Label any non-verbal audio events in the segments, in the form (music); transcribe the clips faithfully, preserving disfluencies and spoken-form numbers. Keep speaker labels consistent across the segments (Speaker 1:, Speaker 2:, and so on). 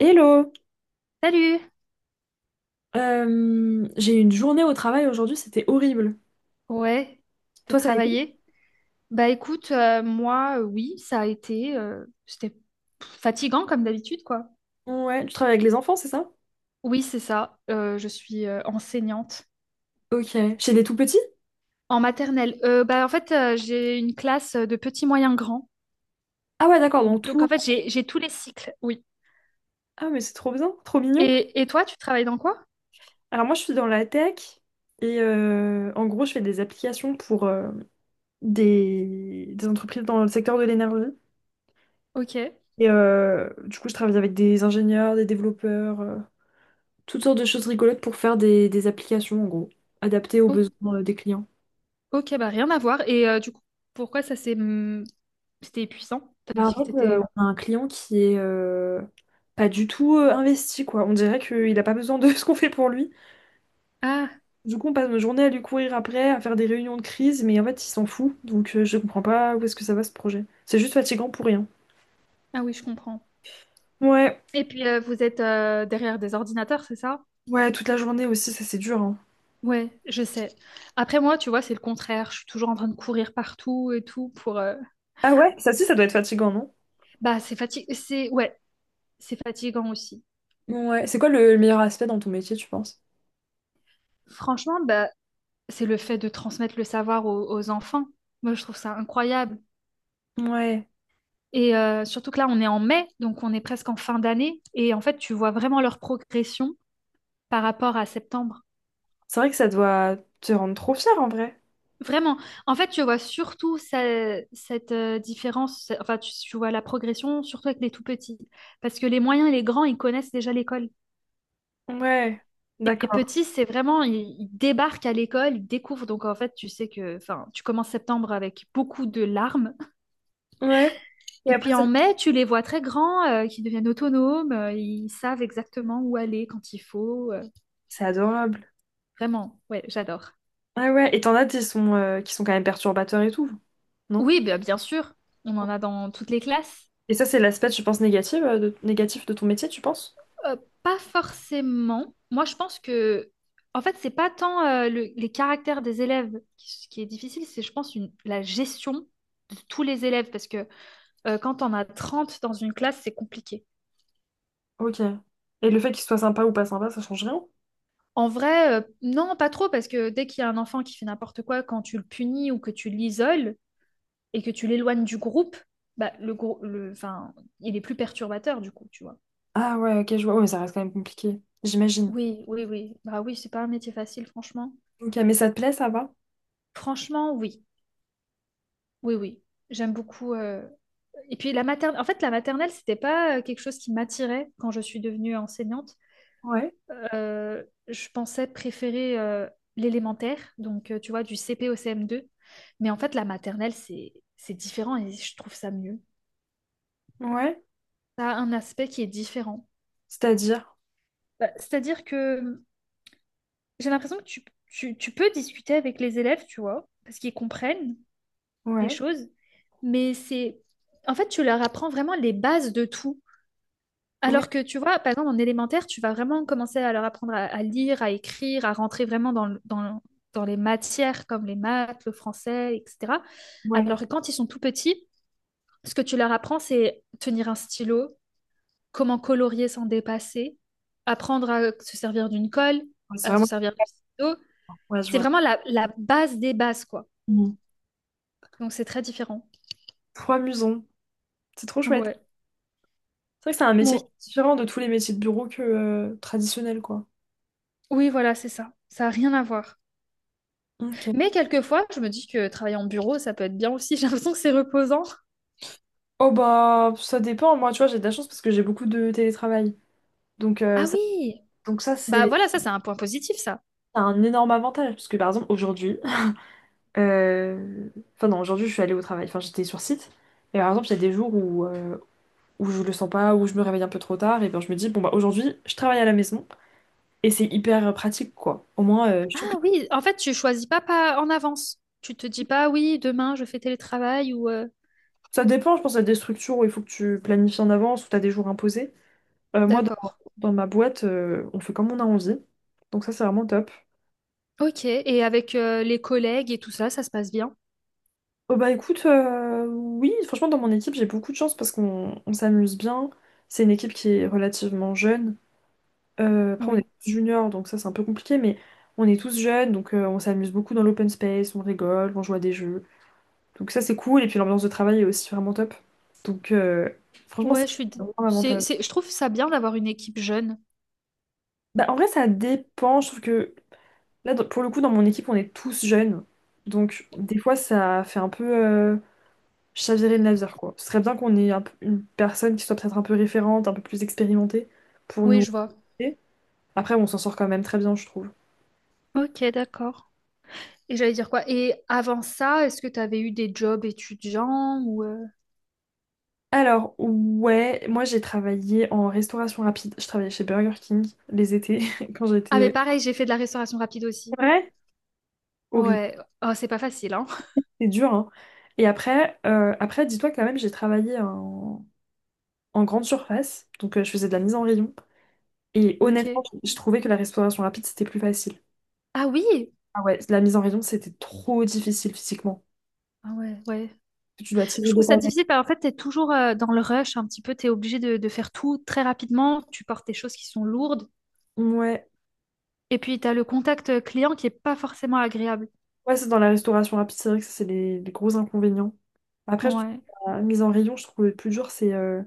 Speaker 1: Hello!
Speaker 2: Salut!
Speaker 1: Euh, j'ai eu une journée au travail aujourd'hui, c'était horrible.
Speaker 2: Ouais, t'as
Speaker 1: Toi, ça a été?
Speaker 2: travaillé? Bah écoute, euh, moi, euh, oui, ça a été, euh, c'était fatigant comme d'habitude, quoi.
Speaker 1: Ouais, tu travailles avec les enfants, c'est ça?
Speaker 2: Oui, c'est ça, euh, je suis euh, enseignante
Speaker 1: Ok. Chez des tout petits?
Speaker 2: en maternelle. Euh, bah en fait, euh, j'ai une classe de petits, moyens, grands.
Speaker 1: Ah ouais, d'accord, donc
Speaker 2: Donc
Speaker 1: tout.
Speaker 2: en fait, j'ai, j'ai tous les cycles, oui.
Speaker 1: Ah, mais c'est trop bien, trop mignon.
Speaker 2: Et, et toi, tu travailles dans quoi?
Speaker 1: Alors moi, je suis dans la tech et euh, en gros, je fais des applications pour euh, des, des entreprises dans le secteur de l'énergie.
Speaker 2: Ok,
Speaker 1: Et euh, du coup, je travaille avec des ingénieurs, des développeurs, euh, toutes sortes de choses rigolotes pour faire des, des applications, en gros, adaptées aux
Speaker 2: O-
Speaker 1: besoins euh, des clients.
Speaker 2: ok, bah rien à voir. Et euh, du coup, pourquoi ça s'est... hum, C'était épuisant? T'as
Speaker 1: Bah, en
Speaker 2: dit que
Speaker 1: fait, euh,
Speaker 2: t'étais...
Speaker 1: on a un client qui est euh, pas du tout euh, investi, quoi. On dirait qu'il a pas besoin de (laughs) ce qu'on fait pour lui.
Speaker 2: Ah,
Speaker 1: Du coup, on passe nos journées à lui courir après, à faire des réunions de crise, mais en fait, il s'en fout. Donc, euh, je comprends pas où est-ce que ça va ce projet. C'est juste fatigant pour rien.
Speaker 2: ah oui, je comprends.
Speaker 1: Ouais,
Speaker 2: Et puis, euh, vous êtes euh, derrière des ordinateurs, c'est ça?
Speaker 1: ouais, toute la journée aussi, ça c'est dur, hein.
Speaker 2: Ouais, je sais. Après moi, tu vois, c'est le contraire. Je suis toujours en train de courir partout et tout pour. euh,
Speaker 1: Ah ouais, ça aussi, ça doit être fatigant, non?
Speaker 2: Bah, c'est fati- C'est ouais, c'est fatigant aussi.
Speaker 1: Ouais, c'est quoi le meilleur aspect dans ton métier, tu penses?
Speaker 2: Franchement, bah, c'est le fait de transmettre le savoir aux, aux enfants. Moi, je trouve ça incroyable.
Speaker 1: Ouais,
Speaker 2: Et euh, surtout que là, on est en mai, donc on est presque en fin d'année. Et en fait, tu vois vraiment leur progression par rapport à septembre.
Speaker 1: c'est vrai que ça doit te rendre trop fier en vrai.
Speaker 2: Vraiment. En fait, tu vois surtout ça- cette euh, différence. Enfin, tu tu vois la progression surtout avec les tout petits, parce que les moyens et les grands, ils connaissent déjà l'école.
Speaker 1: Ouais,
Speaker 2: Et les
Speaker 1: d'accord.
Speaker 2: petits, c'est vraiment, ils, ils débarquent à l'école, ils découvrent. Donc en fait, tu sais que, enfin, tu commences septembre avec beaucoup de larmes.
Speaker 1: Ouais, et
Speaker 2: Et puis
Speaker 1: après, ça-
Speaker 2: en mai, tu les vois très grands, euh, qui deviennent autonomes, euh, ils savent exactement où aller quand il faut. euh.
Speaker 1: c'est adorable.
Speaker 2: Vraiment, ouais, j'adore.
Speaker 1: Ah ouais, et t'en as qui sont, euh, qui sont quand même perturbateurs et tout, non?
Speaker 2: Oui, bah, bien sûr, on en a dans toutes les classes.
Speaker 1: Et ça, c'est l'aspect, je pense, négatif, euh, de, négatif de ton métier, tu penses?
Speaker 2: Euh, Pas forcément. Moi, je pense que, en fait, c'est pas tant euh, le- les caractères des élèves qui, qui est difficile, c'est, je pense, une- la gestion de tous les élèves parce que Euh, quand on a trente dans une classe, c'est compliqué.
Speaker 1: Ok. Et le fait qu'il soit sympa ou pas sympa, ça change rien?
Speaker 2: En vrai, euh, non, pas trop, parce que dès qu'il y a un enfant qui fait n'importe quoi, quand tu le punis ou que tu l'isoles et que tu l'éloignes du groupe, bah, le, grou- le, enfin, il est plus perturbateur du coup, tu vois.
Speaker 1: Ah ouais, ok, je vois. Ouais, mais ça reste quand même compliqué, j'imagine.
Speaker 2: Oui, oui, oui. Bah oui, c'est pas un métier facile, franchement.
Speaker 1: Ok, mais ça te plaît, ça va?
Speaker 2: Franchement, oui. Oui, oui. J'aime beaucoup. euh, Et puis la maternelle, en fait, la maternelle, c'était pas euh, quelque chose qui m'attirait quand je suis devenue enseignante.
Speaker 1: Ouais.
Speaker 2: Euh, je pensais préférer euh, l'élémentaire, donc euh, tu vois, du C P au C M deux. Mais en fait, la maternelle, c'est c'est différent et je trouve ça mieux.
Speaker 1: Ouais.
Speaker 2: Ça a un aspect qui est différent.
Speaker 1: C'est-à-dire?
Speaker 2: Bah, c'est-à-dire que j'ai l'impression que tu, tu, tu peux discuter avec les élèves, tu vois, parce qu'ils comprennent les
Speaker 1: Ouais.
Speaker 2: choses, mais c'est... En fait, tu leur apprends vraiment les bases de tout.
Speaker 1: Oui.
Speaker 2: Alors que tu vois, par exemple, en élémentaire, tu vas vraiment commencer à leur apprendre à, à lire, à écrire, à rentrer vraiment dans, le- dans, le- dans les matières comme les maths, le français, et cetera.
Speaker 1: Ouais.
Speaker 2: Alors que quand ils sont tout petits, ce que tu leur apprends, c'est tenir un stylo, comment colorier sans dépasser, apprendre à se servir d'une colle,
Speaker 1: Ouais, c'est
Speaker 2: à se
Speaker 1: vraiment...
Speaker 2: servir de stylo.
Speaker 1: Ouais, je
Speaker 2: C'est
Speaker 1: vois.
Speaker 2: vraiment la, la base des bases, quoi.
Speaker 1: Mhm.
Speaker 2: Donc c'est très différent.
Speaker 1: Trop amusant. C'est trop chouette.
Speaker 2: Ouais.
Speaker 1: C'est vrai que c'est un métier qui
Speaker 2: Bon,
Speaker 1: est différent de tous les métiers de bureau que euh, traditionnels, quoi.
Speaker 2: oui, voilà, c'est ça. Ça n'a rien à voir.
Speaker 1: Ok.
Speaker 2: Mais quelquefois, je me dis que travailler en bureau, ça peut être bien aussi. (laughs) J'ai l'impression que c'est reposant.
Speaker 1: Oh bah, ça dépend. Moi, tu vois, j'ai de la chance parce que j'ai beaucoup de télétravail. Donc, euh,
Speaker 2: Ah
Speaker 1: ça,
Speaker 2: oui,
Speaker 1: donc ça,
Speaker 2: bah
Speaker 1: c'est
Speaker 2: voilà, ça c'est un point positif, ça.
Speaker 1: un énorme avantage, parce que par exemple, aujourd'hui, euh, enfin non, aujourd'hui, je suis allée au travail, enfin j'étais sur site, et par exemple, il y a des jours où, euh, où je le sens pas, où je me réveille un peu trop tard, et bien je me dis, bon bah aujourd'hui, je travaille à la maison, et c'est hyper pratique, quoi. Au moins, euh, je trouve que
Speaker 2: Ah oui, en fait, tu choisis pas, pas en avance. Tu te dis pas, oui, demain je fais télétravail ou... euh,
Speaker 1: ça dépend, je pense, à des structures où il faut que tu planifies en avance, où tu as des jours imposés. Euh, moi, dans,
Speaker 2: D'accord.
Speaker 1: dans ma boîte, euh, on fait comme on a envie, donc ça, c'est vraiment top.
Speaker 2: Ok, et avec euh, les collègues et tout ça, ça se passe bien?
Speaker 1: Oh bah écoute, euh, oui, franchement dans mon équipe j'ai beaucoup de chance parce qu'on on s'amuse bien. C'est une équipe qui est relativement jeune. Euh, après on
Speaker 2: Oui.
Speaker 1: est tous juniors donc ça c'est un peu compliqué mais on est tous jeunes donc euh, on s'amuse beaucoup dans l'open space, on rigole, on joue à des jeux. Donc ça c'est cool et puis l'ambiance de travail est aussi vraiment top. Donc euh, Franchement ça,
Speaker 2: Ouais, je suis...
Speaker 1: c'est
Speaker 2: d-
Speaker 1: vraiment un
Speaker 2: c'est,
Speaker 1: avantage.
Speaker 2: c'est- Je trouve ça bien d'avoir une équipe jeune.
Speaker 1: Bah en vrai ça dépend, je trouve que là dans- pour le coup dans mon équipe on est tous jeunes. Donc des fois ça fait un peu... euh, Je servirais de laser, quoi. Ce serait bien qu'on ait un peu- une personne qui soit peut-être un peu référente, un peu plus expérimentée pour
Speaker 2: Oui,
Speaker 1: nous
Speaker 2: je vois.
Speaker 1: aider. Après, on s'en sort quand même très bien, je trouve.
Speaker 2: Ok, d'accord. Et j'allais dire quoi? Et avant ça, est-ce que tu avais eu des jobs étudiants ou... euh,
Speaker 1: Alors, ouais, moi j'ai travaillé en restauration rapide. Je travaillais chez Burger King les étés (laughs) quand
Speaker 2: Ah mais
Speaker 1: j'étais...
Speaker 2: pareil, j'ai fait de la restauration rapide aussi.
Speaker 1: C'est vrai? Horrible.
Speaker 2: Ouais. Oh, c'est pas facile, hein. (laughs)
Speaker 1: C'est dur, hein. Et après, euh, après dis-toi quand même, j'ai travaillé en, en grande surface. Donc, euh, je faisais de la mise en rayon. Et honnêtement,
Speaker 2: Ok.
Speaker 1: je je trouvais que la restauration rapide, c'était plus facile.
Speaker 2: Ah oui!
Speaker 1: Ah ouais, la mise en rayon, c'était trop difficile physiquement.
Speaker 2: Ah ouais, ouais.
Speaker 1: Tu dois
Speaker 2: Je
Speaker 1: tirer
Speaker 2: trouve
Speaker 1: des
Speaker 2: ça difficile parce qu'en fait, t'es toujours euh, dans le rush un petit peu, t'es obligé de, de faire tout très rapidement, tu portes des choses qui sont lourdes,
Speaker 1: Ouais,
Speaker 2: et puis t'as le contact euh, client qui est pas forcément agréable.
Speaker 1: ouais, c'est dans la restauration rapide, c'est vrai que ça, c'est les, les gros inconvénients. Après, je trouve
Speaker 2: Ouais.
Speaker 1: la mise en rayon, je trouve le plus dur, c'est. Euh,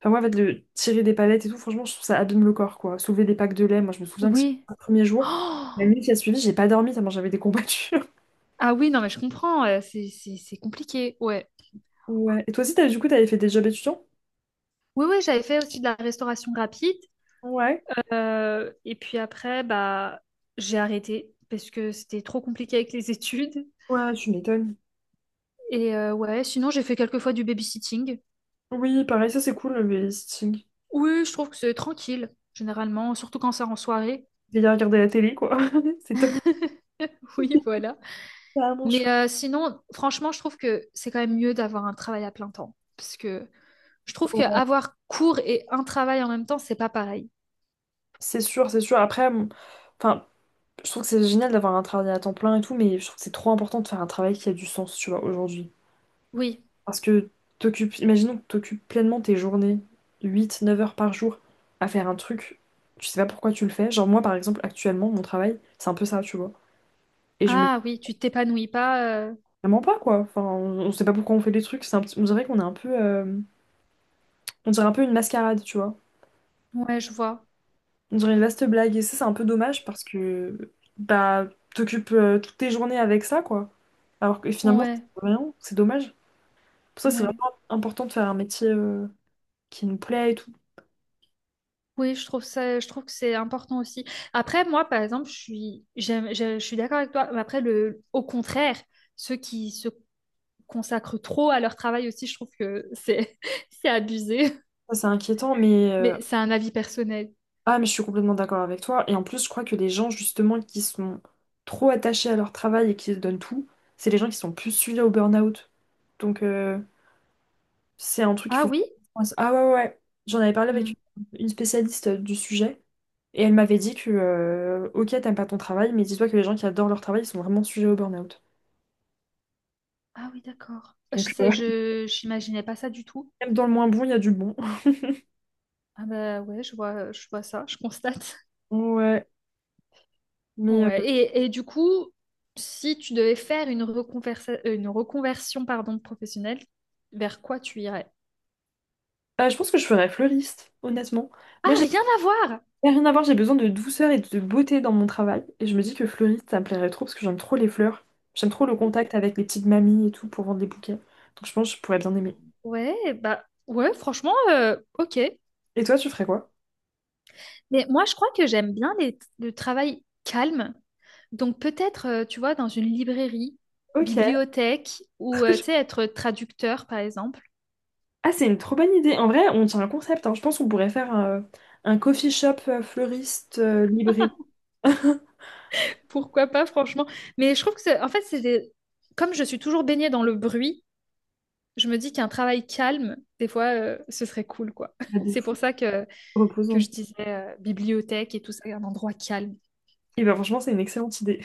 Speaker 1: Enfin, moi, en fait, le tirer des palettes et tout, franchement, je trouve ça abîme le corps, quoi. Soulever des packs de lait, moi, je me souviens que c'est
Speaker 2: Oui.
Speaker 1: le premier
Speaker 2: (gasps)
Speaker 1: jour. La
Speaker 2: Oh
Speaker 1: nuit qui a suivi, j'ai pas dormi, tellement j'avais des combattures. (laughs)
Speaker 2: ah oui, non, mais je comprends, euh, c'est c'est- c'est compliqué, ouais.
Speaker 1: Ouais. Et toi aussi, t'as, du coup, t'avais fait des jobs étudiants?
Speaker 2: Oui, oui, j'avais fait aussi de la restauration rapide,
Speaker 1: Ouais.
Speaker 2: euh, et puis après, bah, j'ai arrêté parce que c'était trop compliqué avec les (laughs) études.
Speaker 1: Ouais, tu m'étonnes.
Speaker 2: Et euh, ouais, sinon, j'ai fait quelques fois du babysitting.
Speaker 1: Oui, pareil, ça, c'est cool, le stitching.
Speaker 2: Oui, je trouve que c'est tranquille, généralement, surtout quand c'est en soirée.
Speaker 1: Veiller à regarder la télé, quoi. (laughs) C'est top.
Speaker 2: (laughs) Oui, voilà.
Speaker 1: C'est vraiment
Speaker 2: Mais
Speaker 1: chouette.
Speaker 2: euh, sinon, franchement, je trouve que c'est quand même mieux d'avoir un travail à plein temps. Parce que je trouve
Speaker 1: Ouais.
Speaker 2: qu'avoir cours et un travail en même temps, c'est pas pareil.
Speaker 1: C'est sûr, c'est sûr. Après, m- enfin, Je trouve que c'est génial d'avoir un travail à temps plein et tout, mais je trouve que c'est trop important de faire un travail qui a du sens, tu vois, aujourd'hui.
Speaker 2: Oui.
Speaker 1: Parce que t'occupes, imaginons que t'occupes pleinement tes journées, huit, neuf heures par jour, à faire un truc, tu sais pas pourquoi tu le fais. Genre moi, par exemple, actuellement, mon travail, c'est un peu ça, tu vois. Et je me dis
Speaker 2: Ah oui, tu t'épanouis pas. euh,
Speaker 1: vraiment pas, quoi. Enfin, on, on sait pas pourquoi on fait des trucs, c'est un petit- on dirait qu'on est un peu... euh, On dirait un peu une mascarade, tu vois.
Speaker 2: Ouais, je vois.
Speaker 1: On dirait une vaste blague, et ça, c'est un peu dommage parce que... Bah, t'occupes euh, toutes tes journées avec ça, quoi. Alors que finalement,
Speaker 2: Ouais,
Speaker 1: c'est rien, c'est dommage. Pour ça, c'est
Speaker 2: ouais.
Speaker 1: vraiment important de faire un métier euh, qui nous plaît et tout.
Speaker 2: Oui, je trouve ça, je trouve que c'est important aussi. Après, moi, par exemple, je suis, j'aime- je, je suis d'accord avec toi. Mais Après, le, au contraire, ceux qui se consacrent trop à leur travail aussi, je trouve que c'est (laughs) c'est abusé.
Speaker 1: Ça, c'est inquiétant, mais, euh,
Speaker 2: Mais c'est un avis personnel.
Speaker 1: ah, mais je suis complètement d'accord avec toi. Et en plus, je crois que les gens, justement, qui sont trop attachés à leur travail et qui se donnent tout, c'est les gens qui sont plus sujets au burn-out. Donc, euh, c'est un truc qu'il
Speaker 2: Ah
Speaker 1: faut... faire
Speaker 2: oui?
Speaker 1: attention. Ah ouais, ouais. ouais. J'en avais parlé
Speaker 2: Hmm.
Speaker 1: avec une spécialiste du sujet et elle m'avait dit que, euh, ok, t'aimes pas ton travail, mais dis-toi que les gens qui adorent leur travail, ils sont vraiment sujets au burn-out.
Speaker 2: Ah oui, d'accord. Je
Speaker 1: Donc,
Speaker 2: sais,
Speaker 1: euh,
Speaker 2: je j'imaginais pas ça du tout.
Speaker 1: (laughs) même dans le moins bon, il y a du bon.
Speaker 2: Ah bah ouais, je vois, je vois ça, je constate. (laughs)
Speaker 1: Ouais, mais...
Speaker 2: Ouais. Et, et du coup, si tu devais faire une reconversa- euh, une reconversion pardon, professionnelle, vers quoi tu irais?
Speaker 1: Euh, je pense que je ferais fleuriste, honnêtement. Moi,
Speaker 2: Ah,
Speaker 1: j'ai
Speaker 2: rien à voir!
Speaker 1: j'ai rien à voir, j'ai besoin de douceur et de beauté dans mon travail. Et je me dis que fleuriste, ça me plairait trop parce que j'aime trop les fleurs. J'aime trop le contact avec les petites mamies et tout pour vendre des bouquets. Donc je pense que je pourrais bien aimer.
Speaker 2: Ouais, bah ouais, franchement, euh, ok.
Speaker 1: Et toi, tu ferais quoi?
Speaker 2: Mais moi, je crois que j'aime bien les- le travail calme. Donc peut-être, euh, tu vois, dans une librairie,
Speaker 1: Ok.
Speaker 2: bibliothèque, ou
Speaker 1: Trop
Speaker 2: euh, tu sais,
Speaker 1: chou-
Speaker 2: être traducteur, par exemple.
Speaker 1: Ah, c'est une trop bonne idée. En vrai, on tient un concept. Hein. Je pense qu'on pourrait faire euh, un coffee shop euh, fleuriste euh, libré. (laughs)
Speaker 2: Pourquoi pas, franchement. Mais je trouve que, c'est- en fait, c'est des- comme je suis toujours baignée dans le bruit, je me dis qu'un travail calme, des fois, euh, ce serait cool, quoi. (laughs)
Speaker 1: Bah, de
Speaker 2: C'est pour
Speaker 1: fou,
Speaker 2: ça que, que
Speaker 1: reposant.
Speaker 2: je disais euh, bibliothèque et tout ça, un endroit calme.
Speaker 1: Et ben franchement, c'est une excellente idée.